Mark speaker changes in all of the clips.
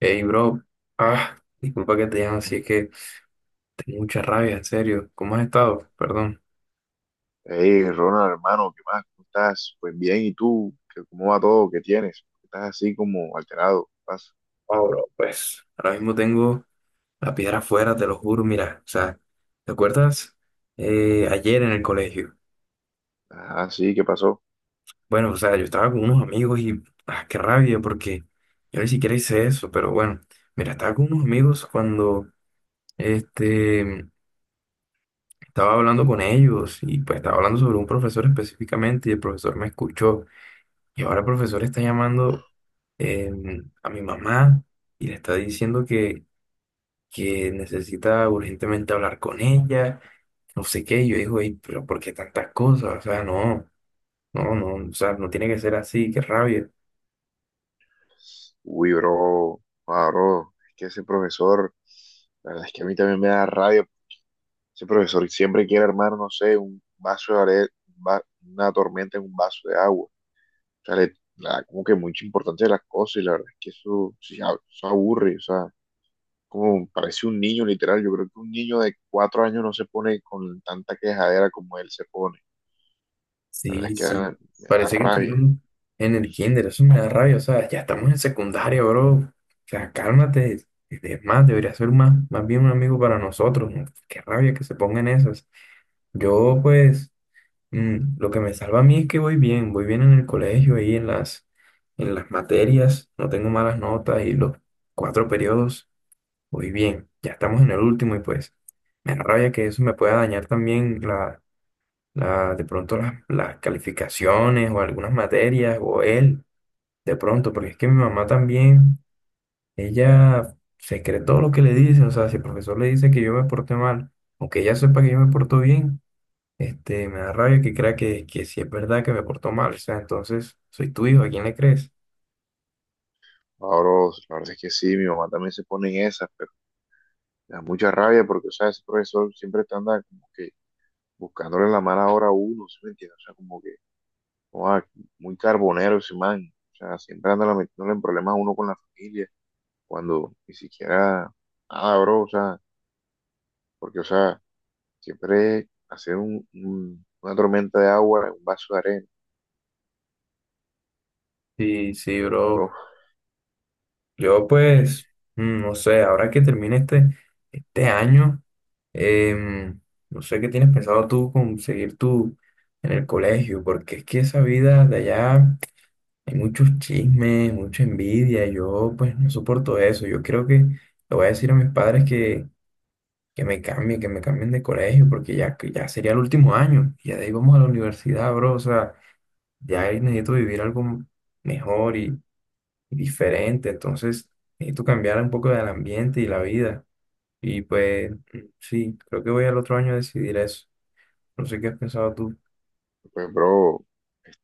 Speaker 1: Hey, bro. Disculpa que te llame así, es que tengo mucha rabia, en serio. ¿Cómo has estado? Perdón.
Speaker 2: Hey, Ronald, hermano, ¿qué más? ¿Cómo estás? Pues bien, ¿y tú? ¿Cómo va todo? ¿Qué tienes? Estás así como alterado. ¿Qué pasa?
Speaker 1: Oh, bro, pues ahora mismo tengo la piedra afuera, te lo juro. Mira, o sea, ¿te acuerdas? Ayer en el colegio.
Speaker 2: Ah, sí, ¿qué pasó?
Speaker 1: Bueno, o sea, yo estaba con unos amigos y, qué rabia, porque yo ni siquiera hice eso, pero bueno, mira, estaba con unos amigos cuando, este, estaba hablando con ellos y pues estaba hablando sobre un profesor específicamente y el profesor me escuchó. Y ahora el profesor está llamando a mi mamá y le está diciendo que necesita urgentemente hablar con ella, no sé qué. Y yo digo, "Ey, pero ¿por qué tantas cosas? O sea, no, no, no, o sea, no tiene que ser así, qué rabia.
Speaker 2: Uy, bro, ah, bro, es que ese profesor, la verdad es que a mí también me da rabia. Ese profesor siempre quiere armar, no sé, un vaso de are- un va- una tormenta en un vaso de agua. O sea, le como que mucha importancia de las cosas y la verdad es que eso, sí, eso aburre, o sea, como parece un niño, literal. Yo creo que un niño de cuatro años no se pone con tanta quejadera como él se pone. La verdad es
Speaker 1: Sí,
Speaker 2: que da,
Speaker 1: sí.
Speaker 2: me da
Speaker 1: Parece que
Speaker 2: rabia.
Speaker 1: estuvieron en el kinder, eso me da rabia, o sea, ya estamos en secundaria, bro. O sea, cálmate. Es más, debería ser más, más bien un amigo para nosotros. ¿No? Qué rabia que se pongan esas. Yo, pues. Lo que me salva a mí es que voy bien en el colegio y en en las materias, no tengo malas notas y los cuatro periodos, voy bien. Ya estamos en el último y pues me da rabia que eso me pueda dañar también de pronto las calificaciones o algunas materias o él, de pronto, porque es que mi mamá también, ella se cree todo lo que le dicen, o sea, si el profesor le dice que yo me porté mal, aunque ella sepa que yo me porto bien. Me da rabia que crea que sí es verdad que me portó mal. O sea, entonces, soy tu hijo, ¿a quién le crees?
Speaker 2: Ahora, la verdad es que sí, mi mamá también se pone en esas, pero me da mucha rabia porque, o sea, ese profesor siempre está andando como que buscándole la mala hora a uno, ¿sí me entiendes? O sea, como que, oa, muy carbonero ese man. O sea, siempre anda metiéndole en problemas a uno con la familia, cuando ni siquiera, nada, bro, o sea, porque, o sea, siempre hacer una tormenta de agua en un vaso de arena.
Speaker 1: Sí, sí, bro.
Speaker 2: Co-
Speaker 1: Yo pues, no sé, ahora que termine este, este año, em, no sé qué tienes pensado tú conseguir tú en el colegio, porque es que esa vida de allá hay muchos chismes, mucha envidia. Yo pues no soporto eso. Yo creo que le voy a decir a mis padres que me cambie, que me cambien de colegio, porque ya, que ya sería el último año, y ya de ahí vamos a la universidad, bro, o sea, ya ahí necesito vivir algo mejor y diferente, entonces necesito cambiar un poco del ambiente y la vida, y pues sí, creo que voy al otro año a decidir eso, no sé qué has pensado tú.
Speaker 2: Pues, bro,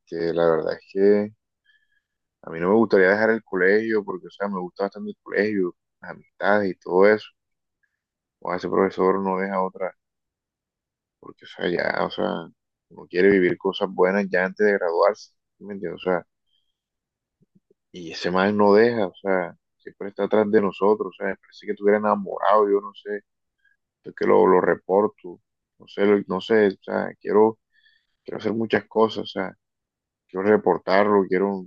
Speaker 2: que la verdad es que a mí no me gustaría dejar el colegio porque, o sea, me gusta bastante el colegio, las amistades y todo eso. O ese profesor no deja otra, porque, o sea, ya, o sea, uno quiere vivir cosas buenas ya antes de graduarse, ¿sí me entiendes? O sea, y ese man no deja, o sea, siempre está atrás de nosotros, o sea, me parece que estuviera enamorado, yo no sé, yo que lo reporto, no sé, no sé, o sea, quiero hacer muchas cosas, o sea, quiero reportarlo, quiero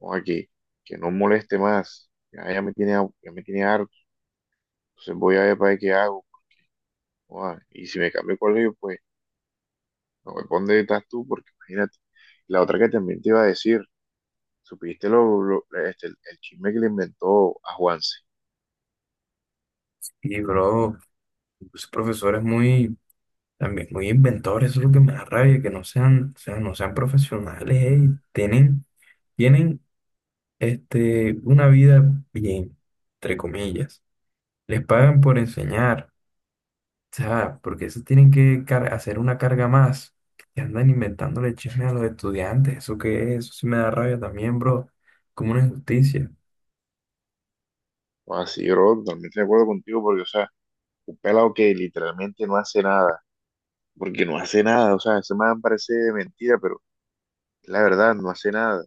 Speaker 2: no, aquí, que no moleste más, ya me tiene harto, entonces voy a ver para ver qué hago, joda, y si me cambio de colegio, pues no me pondré donde estás tú, porque imagínate, la otra que también te iba a decir, supiste el chisme que le inventó a Juanse,
Speaker 1: Y bro, los profesores muy, también muy inventores, eso es lo que me da rabia, que no sean, o sea, no sean profesionales, ey, tienen... Tienen una vida bien, entre comillas. Les pagan por enseñar, o sea, porque eso tienen que hacer una carga más. Que andan inventándole chisme a los estudiantes, eso que es, eso sí me da rabia también, bro, como una injusticia.
Speaker 2: o sea, sí, bro, totalmente de acuerdo contigo, porque, o sea, un pelado que literalmente no hace nada, porque no hace nada, o sea, ese man parece de mentira, pero la verdad, no hace nada,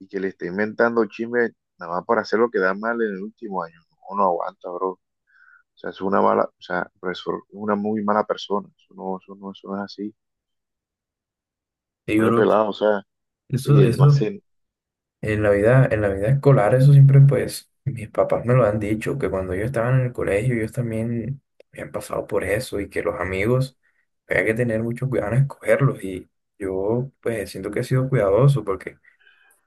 Speaker 2: y que le esté inventando chisme nada más para hacer lo que da mal en el último año. No, no aguanta, bro. O sea, es una mala, o sea, pero es una muy mala persona. Eso no, eso no, eso no es así.
Speaker 1: Y,
Speaker 2: Por el
Speaker 1: bro,
Speaker 2: pelado, o sea,
Speaker 1: eso,
Speaker 2: oye, él no
Speaker 1: eso
Speaker 2: hace,
Speaker 1: En la vida escolar, eso siempre, pues, mis papás me lo han dicho, que cuando ellos estaban en el colegio, ellos también habían pasado por eso y que los amigos, había que tener mucho cuidado en escogerlos. Y yo, pues, siento que he sido cuidadoso porque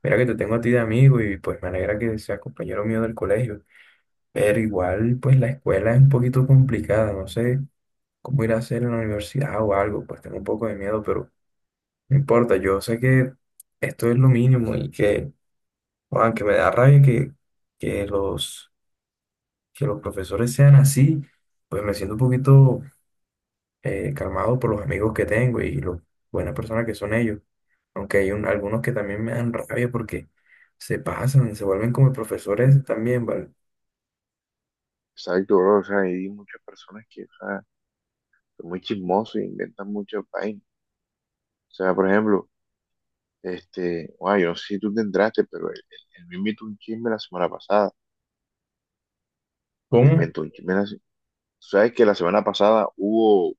Speaker 1: mira que te tengo a ti de amigo y pues me alegra que seas compañero mío del colegio. Pero igual, pues, la escuela es un poquito complicada, no sé cómo ir a hacer en la universidad o algo, pues tengo un poco de miedo, pero no importa, yo sé que esto es lo mínimo y que... Aunque me da rabia que los, que los profesores sean así, pues me siento un poquito calmado por los amigos que tengo y lo buenas personas que son ellos. Aunque hay algunos que también me dan rabia porque se pasan, se vuelven como profesores también, ¿vale?
Speaker 2: exacto, bro. O sea, hay muchas personas que, o sea, son muy chismosos e inventan muchas vainas. O sea, por ejemplo, este, bueno, yo no sé si tú te entraste, pero él me invitó un chisme la semana pasada. Me
Speaker 1: ¿Cómo?
Speaker 2: inventó un chisme, tú sabes que la semana pasada hubo,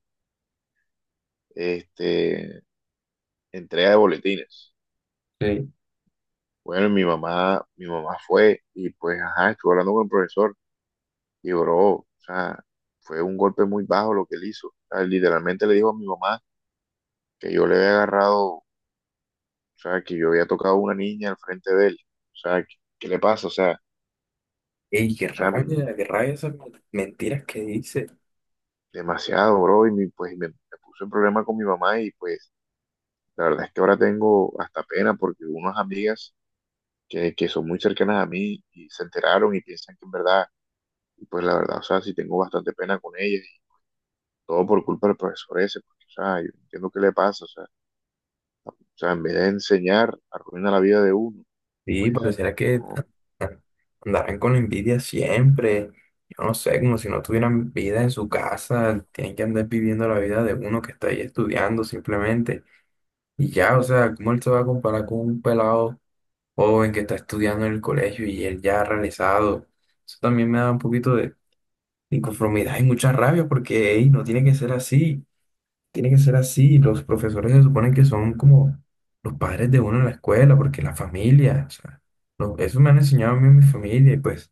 Speaker 2: este, entrega de boletines.
Speaker 1: Sí.
Speaker 2: Bueno, mi mamá fue y pues, ajá, estuvo hablando con el profesor y bro, o sea, fue un golpe muy bajo lo que él hizo. O sea, literalmente le dijo a mi mamá que yo le había agarrado, o sea, que yo había tocado a una niña al frente de él. O sea, ¿qué le pasa? O
Speaker 1: ¡Ey, qué
Speaker 2: sea,
Speaker 1: rabia! ¡Qué rabia esas mentiras que dice!
Speaker 2: demasiado, bro, y pues me puse en problema con mi mamá y pues la verdad es que ahora tengo hasta pena porque unas amigas que son muy cercanas a mí y se enteraron y piensan que en verdad, y pues la verdad, o sea, sí tengo bastante pena con ellas todo por culpa del profesor ese, porque, o sea, yo no entiendo qué le pasa, o sea, en vez de enseñar, arruina la vida de uno,
Speaker 1: Sí,
Speaker 2: pues,
Speaker 1: pareciera que
Speaker 2: no.
Speaker 1: andarán con envidia siempre. Yo no sé, como si no tuvieran vida en su casa, tienen que andar viviendo la vida de uno que está ahí estudiando simplemente. Y ya, o sea, ¿cómo él se va a comparar con un pelado joven que está estudiando en el colegio y él ya ha realizado? Eso también me da un poquito de inconformidad y mucha rabia porque ey, no tiene que ser así tiene que ser así. Los profesores se suponen que son como los padres de uno en la escuela, porque la familia, o sea, eso me han enseñado a mí en mi familia y pues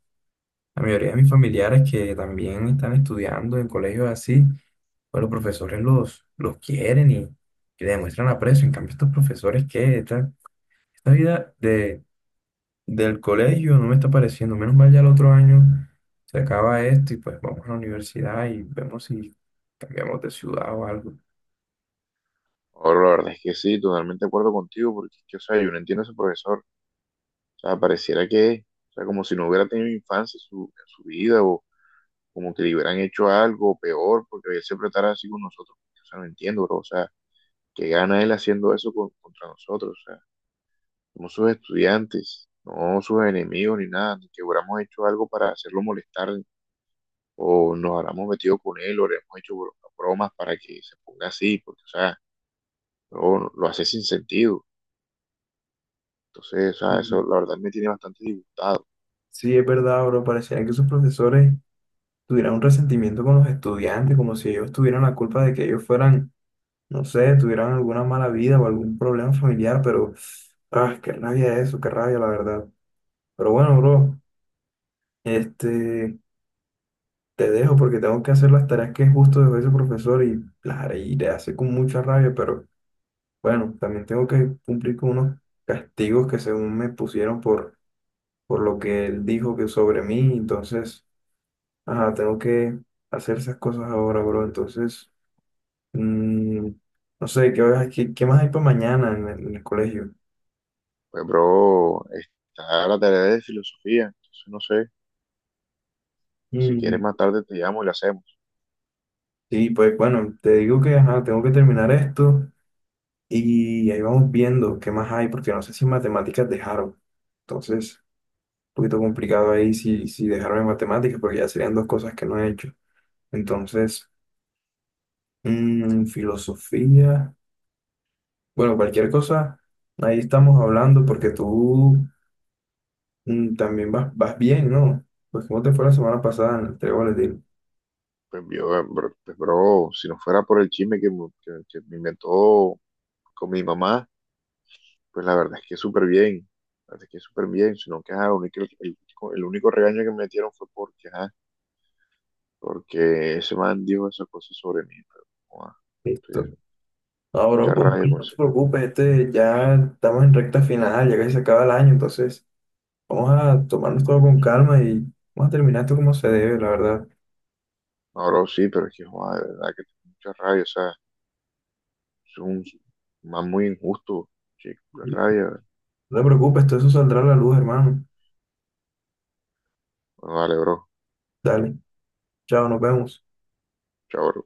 Speaker 1: la mayoría de mis familiares que también están estudiando en colegios así, pues los profesores los quieren y le demuestran aprecio. En cambio, estos profesores que esta vida del colegio no me está pareciendo. Menos mal ya el otro año se acaba esto y pues vamos a la universidad y vemos si cambiamos de ciudad o algo.
Speaker 2: Ahora la verdad es que sí, totalmente de acuerdo contigo, porque, es que, o sea, yo no entiendo a ese profesor, o sea, pareciera que, o sea, como si no hubiera tenido infancia en su vida, o como que le hubieran hecho algo peor, porque él siempre estará así con nosotros, o sea, no entiendo, bro, o sea, ¿qué gana él haciendo eso contra nosotros? O sea, somos sus estudiantes, no sus enemigos ni nada, ni que hubiéramos hecho algo para hacerlo molestar o nos habremos metido con él, o le hemos hecho bromas para que se ponga así, porque, o sea, bro, lo hace sin sentido. Entonces, o sea, eso la verdad me tiene bastante disgustado.
Speaker 1: Sí, es verdad, bro. Parecía que sus profesores tuvieran un resentimiento con los estudiantes, como si ellos tuvieran la culpa de que ellos fueran, no sé, tuvieran alguna mala vida o algún problema familiar, pero, ah, qué rabia eso, qué rabia, la verdad. Pero bueno, bro, este, te dejo porque tengo que hacer las tareas que justo dejó ese profesor y las haré y le hace con mucha rabia, pero bueno, también tengo que cumplir con unos castigos que según me pusieron por lo que él dijo que sobre mí, entonces. Ajá, tengo que hacer esas cosas ahora, bro. Entonces, mm, no sé, ¿qué más hay para mañana en en el colegio?
Speaker 2: Pues, bro, está la tarea de filosofía, entonces no sé, si quieres
Speaker 1: Mm,
Speaker 2: más tarde te llamo y la hacemos.
Speaker 1: sí, pues bueno, te digo que ajá, tengo que terminar esto y ahí vamos viendo qué más hay, porque no sé si matemáticas dejaron. Entonces, un poquito complicado ahí si dejaron en matemáticas, porque ya serían dos cosas que no he hecho. Entonces, filosofía, bueno, cualquier cosa, ahí estamos hablando, porque tú... También vas, vas bien, ¿no? Pues cómo te fue la semana pasada en el trébol de tiro?
Speaker 2: Pues, yo, bro, pues, bro, si no fuera por el chisme que me inventó con mi mamá, pues la verdad es que súper bien, la verdad es que súper bien, sino que ajá, el único regaño que me metieron fue porque, ajá, porque ese man dijo esa cosa sobre mí, pero, joda,
Speaker 1: Listo.
Speaker 2: entonces,
Speaker 1: Ahora,
Speaker 2: mucha
Speaker 1: pues
Speaker 2: rabia con
Speaker 1: no te
Speaker 2: ese man.
Speaker 1: preocupes, ya estamos en recta final, ya casi se acaba el año, entonces vamos a tomarnos todo con calma y vamos a terminar esto como se debe, la verdad.
Speaker 2: Ahora sí, pero es que, joda, de verdad que tengo mucha rabia, o sea, es un man muy injusto, chico, la
Speaker 1: Y
Speaker 2: rabia.
Speaker 1: no te preocupes, todo eso saldrá a la luz, hermano.
Speaker 2: Bueno, dale, bro,
Speaker 1: Dale, chao, nos vemos.
Speaker 2: chao, bro.